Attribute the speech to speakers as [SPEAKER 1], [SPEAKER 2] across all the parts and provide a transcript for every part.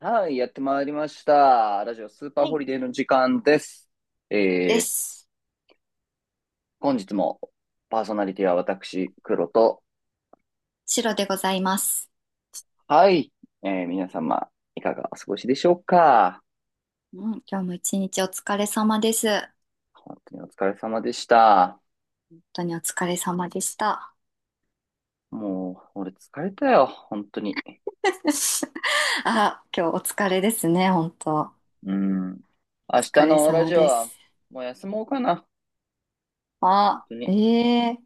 [SPEAKER 1] はい、やってまいりました。ラジオスーパー
[SPEAKER 2] は
[SPEAKER 1] ホ
[SPEAKER 2] い、
[SPEAKER 1] リデーの時間です。
[SPEAKER 2] で
[SPEAKER 1] えー、
[SPEAKER 2] す。
[SPEAKER 1] 本日もパーソナリティは私、黒と、
[SPEAKER 2] 白でございます。
[SPEAKER 1] はい、皆様、いかがお過ごしでしょうか？
[SPEAKER 2] うん、今日も一日お疲れ様です。本
[SPEAKER 1] 本当にお疲れ様でした。
[SPEAKER 2] 当にお疲れ様でした。
[SPEAKER 1] もう、俺疲れたよ、本当に。
[SPEAKER 2] あ、今日お疲れですね、本当。お
[SPEAKER 1] うん。明
[SPEAKER 2] 疲
[SPEAKER 1] 日
[SPEAKER 2] れ
[SPEAKER 1] のラ
[SPEAKER 2] 様
[SPEAKER 1] ジオ
[SPEAKER 2] で
[SPEAKER 1] は、
[SPEAKER 2] す。
[SPEAKER 1] もう休もうかな。本
[SPEAKER 2] あ、
[SPEAKER 1] 当
[SPEAKER 2] え
[SPEAKER 1] に。
[SPEAKER 2] えー、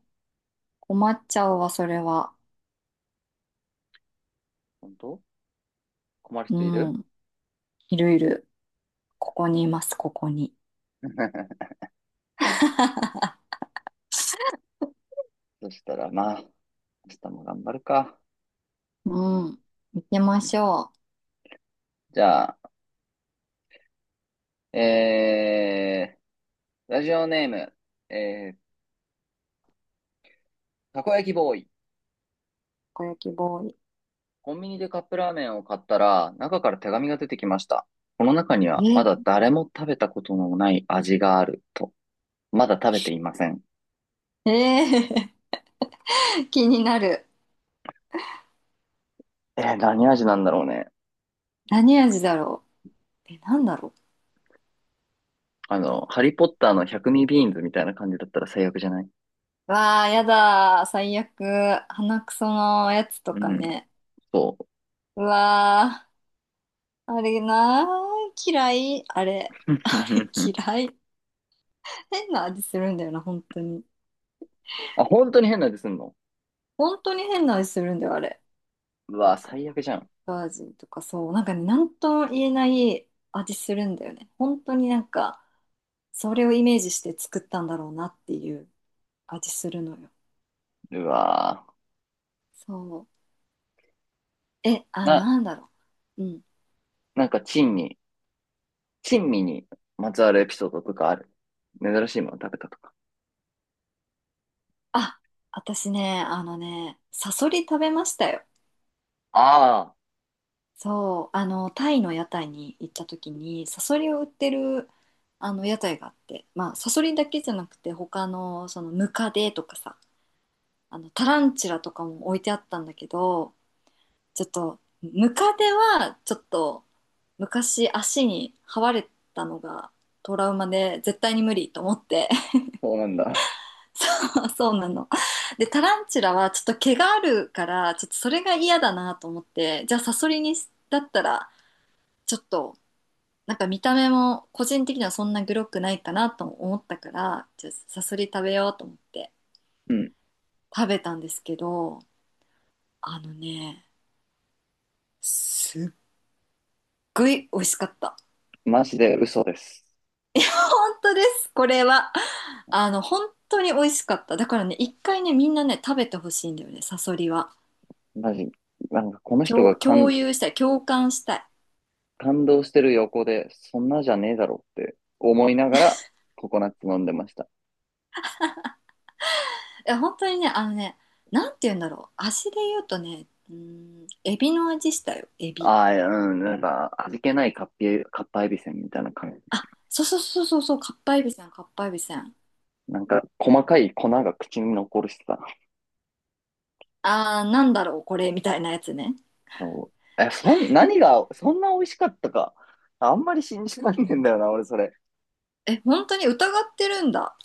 [SPEAKER 2] 困っちゃうわ、それは。
[SPEAKER 1] 本当、困る人い
[SPEAKER 2] う
[SPEAKER 1] る？
[SPEAKER 2] ん、いるいる。ここにいます、ここに。
[SPEAKER 1] そしたら、まあ、明日も頑張るか。
[SPEAKER 2] うん、行きま
[SPEAKER 1] うん。
[SPEAKER 2] しょう。た
[SPEAKER 1] じゃあ、えー、ラジオネーム、えー、たこ焼きボーイ。
[SPEAKER 2] こ焼きボー
[SPEAKER 1] コンビニでカップラーメンを買ったら、中から手紙が出てきました。この中には、まだ
[SPEAKER 2] イ。
[SPEAKER 1] 誰も食べたことのない味があると。まだ食べていません。
[SPEAKER 2] え、えー 気になる。
[SPEAKER 1] 何味なんだろうね。
[SPEAKER 2] 何味だろう。え、なんだろう。
[SPEAKER 1] あの、ハリーポッターの百味ビーンズみたいな感じだったら最悪じゃない？
[SPEAKER 2] わあ、やだー。最悪。鼻くそのやつと
[SPEAKER 1] う
[SPEAKER 2] か
[SPEAKER 1] ん、
[SPEAKER 2] ね。
[SPEAKER 1] そう。
[SPEAKER 2] うわあ、あれなー。嫌い。あれ。嫌い。変な味するんだよな、本当に。
[SPEAKER 1] あ、本当に変な味すんの？
[SPEAKER 2] 本当に変な味するんだよ、あれ。
[SPEAKER 1] う
[SPEAKER 2] なん
[SPEAKER 1] わ、
[SPEAKER 2] か、
[SPEAKER 1] 最悪じゃん。
[SPEAKER 2] バージンとかそう。なんかね、なんとも言えない味するんだよね。本当になんか、それをイメージして作ったんだろうなっていう味するのよ。
[SPEAKER 1] うわ、
[SPEAKER 2] そう。え、あ、
[SPEAKER 1] な、
[SPEAKER 2] なんだろう。うん。
[SPEAKER 1] なんか珍味、珍味にまつわるエピソードとかある？珍しいもの食べたとか。
[SPEAKER 2] あ、私ね、あのね、サソリ食べましたよ。
[SPEAKER 1] ああ。
[SPEAKER 2] そう、あの、タイの屋台に行った時に、サソリを売ってる、あの、屋台があって、まあ、サソリだけじゃなくて、他の、その、ムカデとかさ、あの、タランチュラとかも置いてあったんだけど、ちょっと、ムカデは、ちょっと、昔足に這われたのがトラウマで、絶対に無理と思って、
[SPEAKER 1] そうなんだ。
[SPEAKER 2] そう、そうなの。で、タランチュラは、ちょっと毛があるから、ちょっとそれが嫌だなと思って、じゃあ、サソリにし、だったら、ちょっと、なんか見た目も個人的にはそんなグロくないかなと思ったから、じゃあサソリ食べようと思って
[SPEAKER 1] うん。
[SPEAKER 2] 食べたんですけど、あのね、すっごい美味しかった。
[SPEAKER 1] マジで嘘です。
[SPEAKER 2] 本当です、これは。あの、本当に美味しかった。だからね、一回ね、みんなね、食べてほしいんだよね、サソリは。
[SPEAKER 1] マジ。なんかこの人が感、
[SPEAKER 2] 共有したい、共感したい。
[SPEAKER 1] 感動してる横で、そんなじゃねえだろって思いながら、ココナッツ飲んでました。
[SPEAKER 2] いや、本当にね、あのね、なんて言うんだろう。味で言うとね、うーん、エビの味したよ、エビ。
[SPEAKER 1] ああ、うん、なんか、味気ないカッパエビせんみたいな感じ。
[SPEAKER 2] あ、そうそうそうそうそう、かっぱえびせん、かっぱえびせん。
[SPEAKER 1] なんか、細かい粉が口に残るしさ。
[SPEAKER 2] あー、なんだろう、これ、みたいなやつね。
[SPEAKER 1] そうえ、そん、何が、そんな美味しかったか。あんまり信じらん
[SPEAKER 2] う
[SPEAKER 1] ねえん
[SPEAKER 2] ん、
[SPEAKER 1] だよな、俺それ。
[SPEAKER 2] え、本当に疑ってるんだ。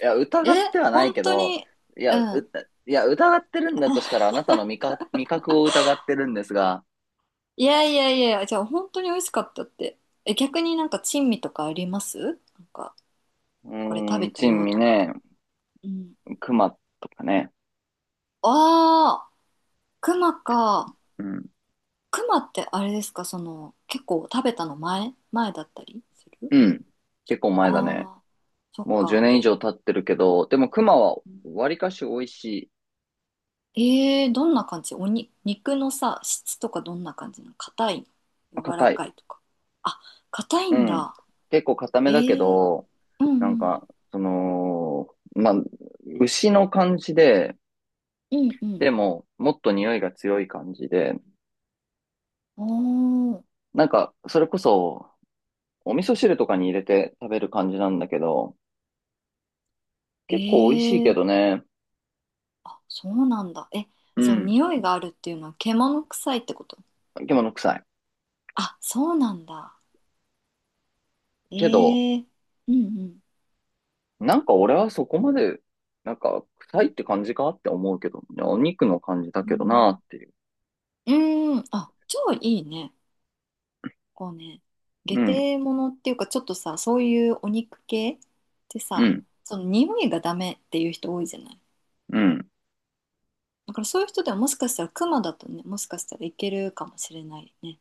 [SPEAKER 1] いや、疑
[SPEAKER 2] え、
[SPEAKER 1] ってはない
[SPEAKER 2] 本
[SPEAKER 1] け
[SPEAKER 2] 当
[SPEAKER 1] ど、
[SPEAKER 2] に、うん。
[SPEAKER 1] いや、疑ってるんだとしたら、あなたの味覚を疑ってるんですが、
[SPEAKER 2] いやいやいや、じゃあ本当に美味しかったって。え、逆になんか珍味とかありますなんか、これ食べた
[SPEAKER 1] 珍
[SPEAKER 2] よ
[SPEAKER 1] 味
[SPEAKER 2] とか。
[SPEAKER 1] ね、
[SPEAKER 2] うん。
[SPEAKER 1] 熊とかね、
[SPEAKER 2] ああ、熊か。
[SPEAKER 1] うん、
[SPEAKER 2] 熊ってあれですか、その、結構食べたの前前だったりする？
[SPEAKER 1] うん、結構
[SPEAKER 2] あ
[SPEAKER 1] 前だね。
[SPEAKER 2] あー、そっ
[SPEAKER 1] もう10
[SPEAKER 2] か。
[SPEAKER 1] 年以上経ってるけど、でも熊は割かし美味し
[SPEAKER 2] どんな感じ、おに、肉のさ、質とかどんな感じなの？硬い
[SPEAKER 1] い、
[SPEAKER 2] の柔ら
[SPEAKER 1] 硬い、
[SPEAKER 2] かいとか。あ、硬い
[SPEAKER 1] う
[SPEAKER 2] ん
[SPEAKER 1] ん、
[SPEAKER 2] だ。
[SPEAKER 1] 結構硬
[SPEAKER 2] え
[SPEAKER 1] めだけ
[SPEAKER 2] ー、
[SPEAKER 1] ど、
[SPEAKER 2] うんう
[SPEAKER 1] なん
[SPEAKER 2] ん。
[SPEAKER 1] か、その、まあ、牛の感じで、
[SPEAKER 2] うんうん。
[SPEAKER 1] でも、もっと匂いが強い感じで、
[SPEAKER 2] おー、
[SPEAKER 1] なんか、それこそ、お味噌汁とかに入れて食べる感じなんだけど、
[SPEAKER 2] え
[SPEAKER 1] 結構美味しいけど
[SPEAKER 2] ー、
[SPEAKER 1] ね、
[SPEAKER 2] あ、そうなんだ。え、
[SPEAKER 1] う
[SPEAKER 2] その
[SPEAKER 1] ん、
[SPEAKER 2] 匂いがあるっていうのは獣臭いってこと？
[SPEAKER 1] 生物臭い。
[SPEAKER 2] あ、そうなんだ。え
[SPEAKER 1] けど、
[SPEAKER 2] ー、うんうん。
[SPEAKER 1] なんか俺はそこまで、なんか臭いって感じかって思うけど、いやお肉の感じだ
[SPEAKER 2] う
[SPEAKER 1] けどな
[SPEAKER 2] ん、
[SPEAKER 1] っていう。
[SPEAKER 2] うん、あ、超いいね。こうね、下
[SPEAKER 1] うん、
[SPEAKER 2] 手物っていうか、ちょっとさ、そういうお肉系って
[SPEAKER 1] う
[SPEAKER 2] さ、
[SPEAKER 1] ん、
[SPEAKER 2] その匂いがダメっていう人多いじゃない。
[SPEAKER 1] うん。
[SPEAKER 2] だからそういう人ではもしかしたらクマだとね、もしかしたらいけるかもしれないね。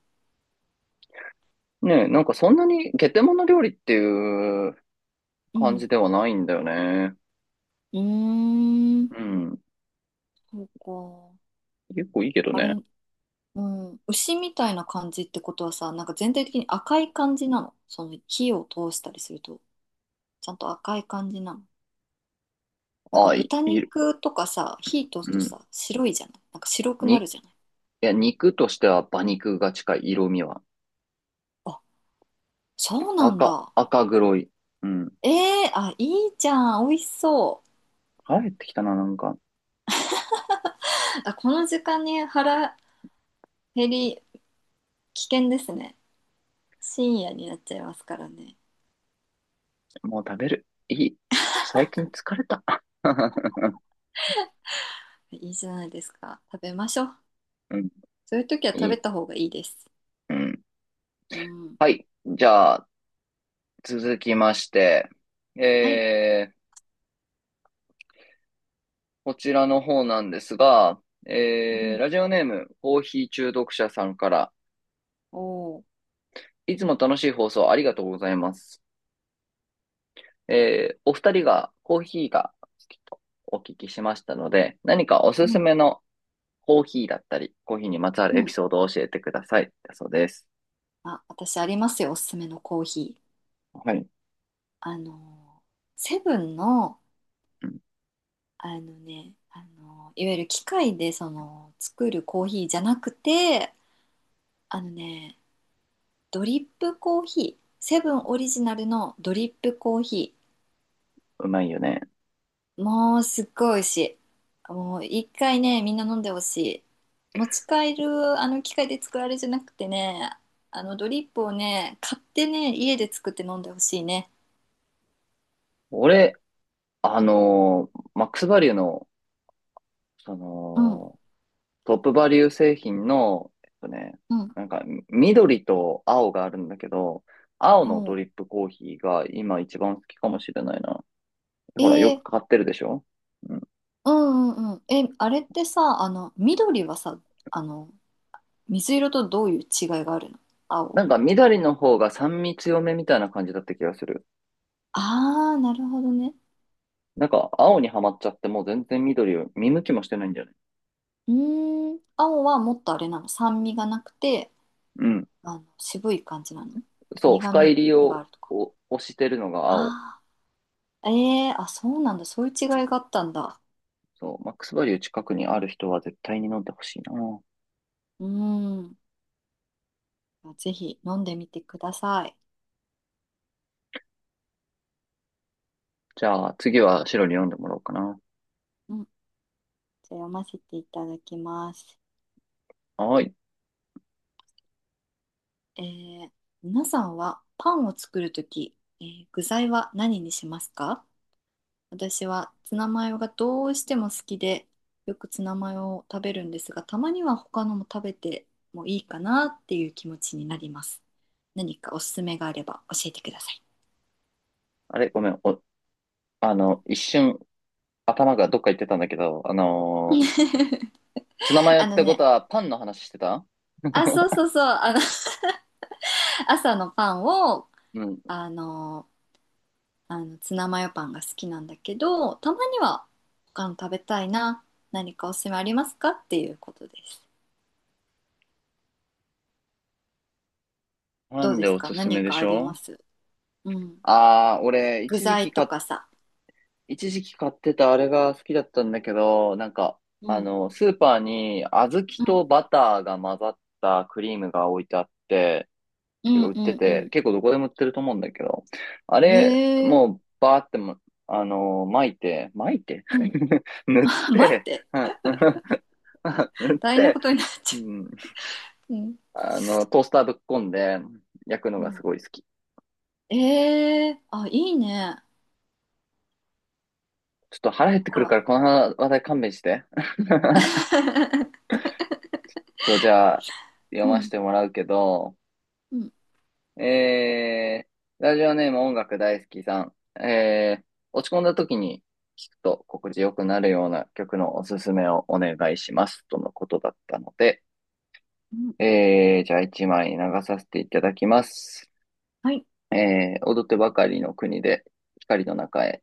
[SPEAKER 1] ねえ、なんかそんなにゲテモノ料理っていう
[SPEAKER 2] う
[SPEAKER 1] 感
[SPEAKER 2] ん。
[SPEAKER 1] じではないんだよね。
[SPEAKER 2] うー
[SPEAKER 1] う
[SPEAKER 2] ん。
[SPEAKER 1] ん。
[SPEAKER 2] そうか。
[SPEAKER 1] 結構いいけど
[SPEAKER 2] あ
[SPEAKER 1] ね。
[SPEAKER 2] れ、うん。牛みたいな感じってことはさ、なんか全体的に赤い感じなの。その火を通したりすると、ちゃんと赤い感じなの。なんか豚
[SPEAKER 1] いる。
[SPEAKER 2] 肉とかさ、火通す
[SPEAKER 1] う
[SPEAKER 2] と
[SPEAKER 1] ん。
[SPEAKER 2] さ、白いじゃない。なんか白くな
[SPEAKER 1] に、
[SPEAKER 2] る
[SPEAKER 1] い
[SPEAKER 2] じゃない。
[SPEAKER 1] や、肉としては馬肉が近い色味は。
[SPEAKER 2] あ、そうなん
[SPEAKER 1] 赤、
[SPEAKER 2] だ。
[SPEAKER 1] 赤黒い。うん。
[SPEAKER 2] ええ、あ、いいじゃん。美味しそう。
[SPEAKER 1] 腹減ってきたな、なんか。
[SPEAKER 2] あ、この時間に腹減り危険ですね。深夜になっちゃいますからね。
[SPEAKER 1] もう食べる。いい。最近疲れた。
[SPEAKER 2] いいじゃないですか。食べましょう。
[SPEAKER 1] うん、
[SPEAKER 2] そういう時は食
[SPEAKER 1] い
[SPEAKER 2] べ
[SPEAKER 1] い。
[SPEAKER 2] た方がいいです。
[SPEAKER 1] うん。
[SPEAKER 2] うん。
[SPEAKER 1] はい。じゃあ、続きまして、
[SPEAKER 2] はい。
[SPEAKER 1] えー、こちらの方なんですが、
[SPEAKER 2] うん。
[SPEAKER 1] ラジオネーム、コーヒー中毒者さんから、
[SPEAKER 2] おー。
[SPEAKER 1] いつも楽しい放送ありがとうございます。お二人がコーヒーが好きとお聞きしましたので、何かおす
[SPEAKER 2] う
[SPEAKER 1] す
[SPEAKER 2] ん。
[SPEAKER 1] めのコーヒーだったり、コーヒーにまつわ
[SPEAKER 2] う
[SPEAKER 1] るエピ
[SPEAKER 2] ん。
[SPEAKER 1] ソードを教えてください。だそうです。
[SPEAKER 2] あ、私ありますよ。おすすめのコーヒー。
[SPEAKER 1] はい。
[SPEAKER 2] セブンの、
[SPEAKER 1] うん。
[SPEAKER 2] あのね、いわゆる機械でその作るコーヒーじゃなくて、あのね、ドリップコーヒー、セブンオリジナルのドリップコーヒ
[SPEAKER 1] うまいよね。
[SPEAKER 2] ー。もうすっごい美味しい。もう一回ね、みんな飲んでほしい。持ち帰るあの機械で作られじゃなくてね、あのドリップをね、買ってね、家で作って飲んでほしいね。
[SPEAKER 1] 俺、あのーマックスバリューの、そ
[SPEAKER 2] うん、
[SPEAKER 1] の、トップバリュー製品の、えっとね、
[SPEAKER 2] うん、
[SPEAKER 1] なんか、緑と青があるんだけど、青のド
[SPEAKER 2] も
[SPEAKER 1] リップコーヒーが今一番好きか
[SPEAKER 2] う。
[SPEAKER 1] もしれないな。
[SPEAKER 2] え
[SPEAKER 1] ほら、よく
[SPEAKER 2] ー、
[SPEAKER 1] 買ってるでしょ？うん。
[SPEAKER 2] うんうんうん。え、あれってさ、あの、緑はさ、あの、水色とどういう違いがあるの？青？
[SPEAKER 1] なんか、緑の方が酸味強めみたいな感じだった気がする。
[SPEAKER 2] ああー、なるほどね。
[SPEAKER 1] なんか、青にはまっちゃってもう全然緑を見向きもしてないんじゃない？
[SPEAKER 2] うーん、青はもっとあれなの、酸味がなくて、
[SPEAKER 1] うん。
[SPEAKER 2] あの、渋い感じなの？
[SPEAKER 1] そう、
[SPEAKER 2] 苦
[SPEAKER 1] 深入
[SPEAKER 2] 味
[SPEAKER 1] り
[SPEAKER 2] が
[SPEAKER 1] を、
[SPEAKER 2] あるとか？
[SPEAKER 1] をしてるのが青。
[SPEAKER 2] ああ、ええー、あ、そうなんだ。そういう違いがあったんだ。
[SPEAKER 1] そう、マックスバリュー近くにある人は絶対に飲んでほしいな。
[SPEAKER 2] うーん。ぜひ飲んでみてください。
[SPEAKER 1] じゃあ、次は白に飲んでもらおうかな。
[SPEAKER 2] うん。じゃあ読ませていただきます。
[SPEAKER 1] はーい。
[SPEAKER 2] えー、皆さんはパンを作るとき、具材は何にしますか？私はツナマヨがどうしても好きで、よくツナマヨを食べるんですが、たまには他のも食べてもいいかなっていう気持ちになります。何かおすすめがあれば教えてください。
[SPEAKER 1] あれ、ごめん。お、あの、一瞬頭がどっか行ってたんだけど、あのー ツナマヨ
[SPEAKER 2] あ
[SPEAKER 1] っ
[SPEAKER 2] の
[SPEAKER 1] てこと
[SPEAKER 2] ね、
[SPEAKER 1] はパンの話してた？
[SPEAKER 2] あ、そうそうそう、あの、朝のパンを、
[SPEAKER 1] うん。
[SPEAKER 2] あの、あのツナマヨパンが好きなんだけど、たまには他の食べたいな、何かおすすめありますかっていうことです。
[SPEAKER 1] パ
[SPEAKER 2] どう
[SPEAKER 1] ン
[SPEAKER 2] で
[SPEAKER 1] で
[SPEAKER 2] す
[SPEAKER 1] お
[SPEAKER 2] か？
[SPEAKER 1] すすめ
[SPEAKER 2] 何
[SPEAKER 1] で
[SPEAKER 2] か
[SPEAKER 1] し
[SPEAKER 2] ありま
[SPEAKER 1] ょ？
[SPEAKER 2] す？うん。
[SPEAKER 1] ああー、俺、
[SPEAKER 2] 具
[SPEAKER 1] 一時期
[SPEAKER 2] 材と
[SPEAKER 1] か、
[SPEAKER 2] かさ。
[SPEAKER 1] 一時期買ってたあれが好きだったんだけど、なんか、
[SPEAKER 2] う
[SPEAKER 1] あ
[SPEAKER 2] ん。
[SPEAKER 1] の、スーパーに小豆
[SPEAKER 2] うん
[SPEAKER 1] とバターが混ざったクリームが置いてあって、
[SPEAKER 2] う
[SPEAKER 1] てか
[SPEAKER 2] ん
[SPEAKER 1] 売っ
[SPEAKER 2] う
[SPEAKER 1] て
[SPEAKER 2] んう
[SPEAKER 1] て、
[SPEAKER 2] ん。
[SPEAKER 1] 結構どこでも売ってると思うんだけど、あれ、
[SPEAKER 2] へえ。
[SPEAKER 1] もうバーっても、あのー巻いて
[SPEAKER 2] うん。
[SPEAKER 1] 塗っ
[SPEAKER 2] 前っ
[SPEAKER 1] て、
[SPEAKER 2] て
[SPEAKER 1] うん 塗っ
[SPEAKER 2] 大変な
[SPEAKER 1] て、
[SPEAKER 2] ことになっ
[SPEAKER 1] う
[SPEAKER 2] ち
[SPEAKER 1] ん、
[SPEAKER 2] ゃう。うん。
[SPEAKER 1] あの、トースターぶっこんで焼くの
[SPEAKER 2] う
[SPEAKER 1] がす
[SPEAKER 2] ん。
[SPEAKER 1] ごい好き。
[SPEAKER 2] ええ、あ、いいね。
[SPEAKER 1] ちょっと腹減って
[SPEAKER 2] ほ
[SPEAKER 1] くるか
[SPEAKER 2] ら。
[SPEAKER 1] ら、この話題勘弁して。えっ と、じゃあ、読ま
[SPEAKER 2] う
[SPEAKER 1] せ
[SPEAKER 2] ん。
[SPEAKER 1] てもらうけど、
[SPEAKER 2] うん。
[SPEAKER 1] えー、ラジオネーム音楽大好きさん。えー、落ち込んだ時に聞くと心地よくなるような曲のおすすめをお願いします。とのことだったので、
[SPEAKER 2] うん。
[SPEAKER 1] じゃあ一枚流させていただきます。
[SPEAKER 2] はい。
[SPEAKER 1] 踊ってばかりの国で光の中へ。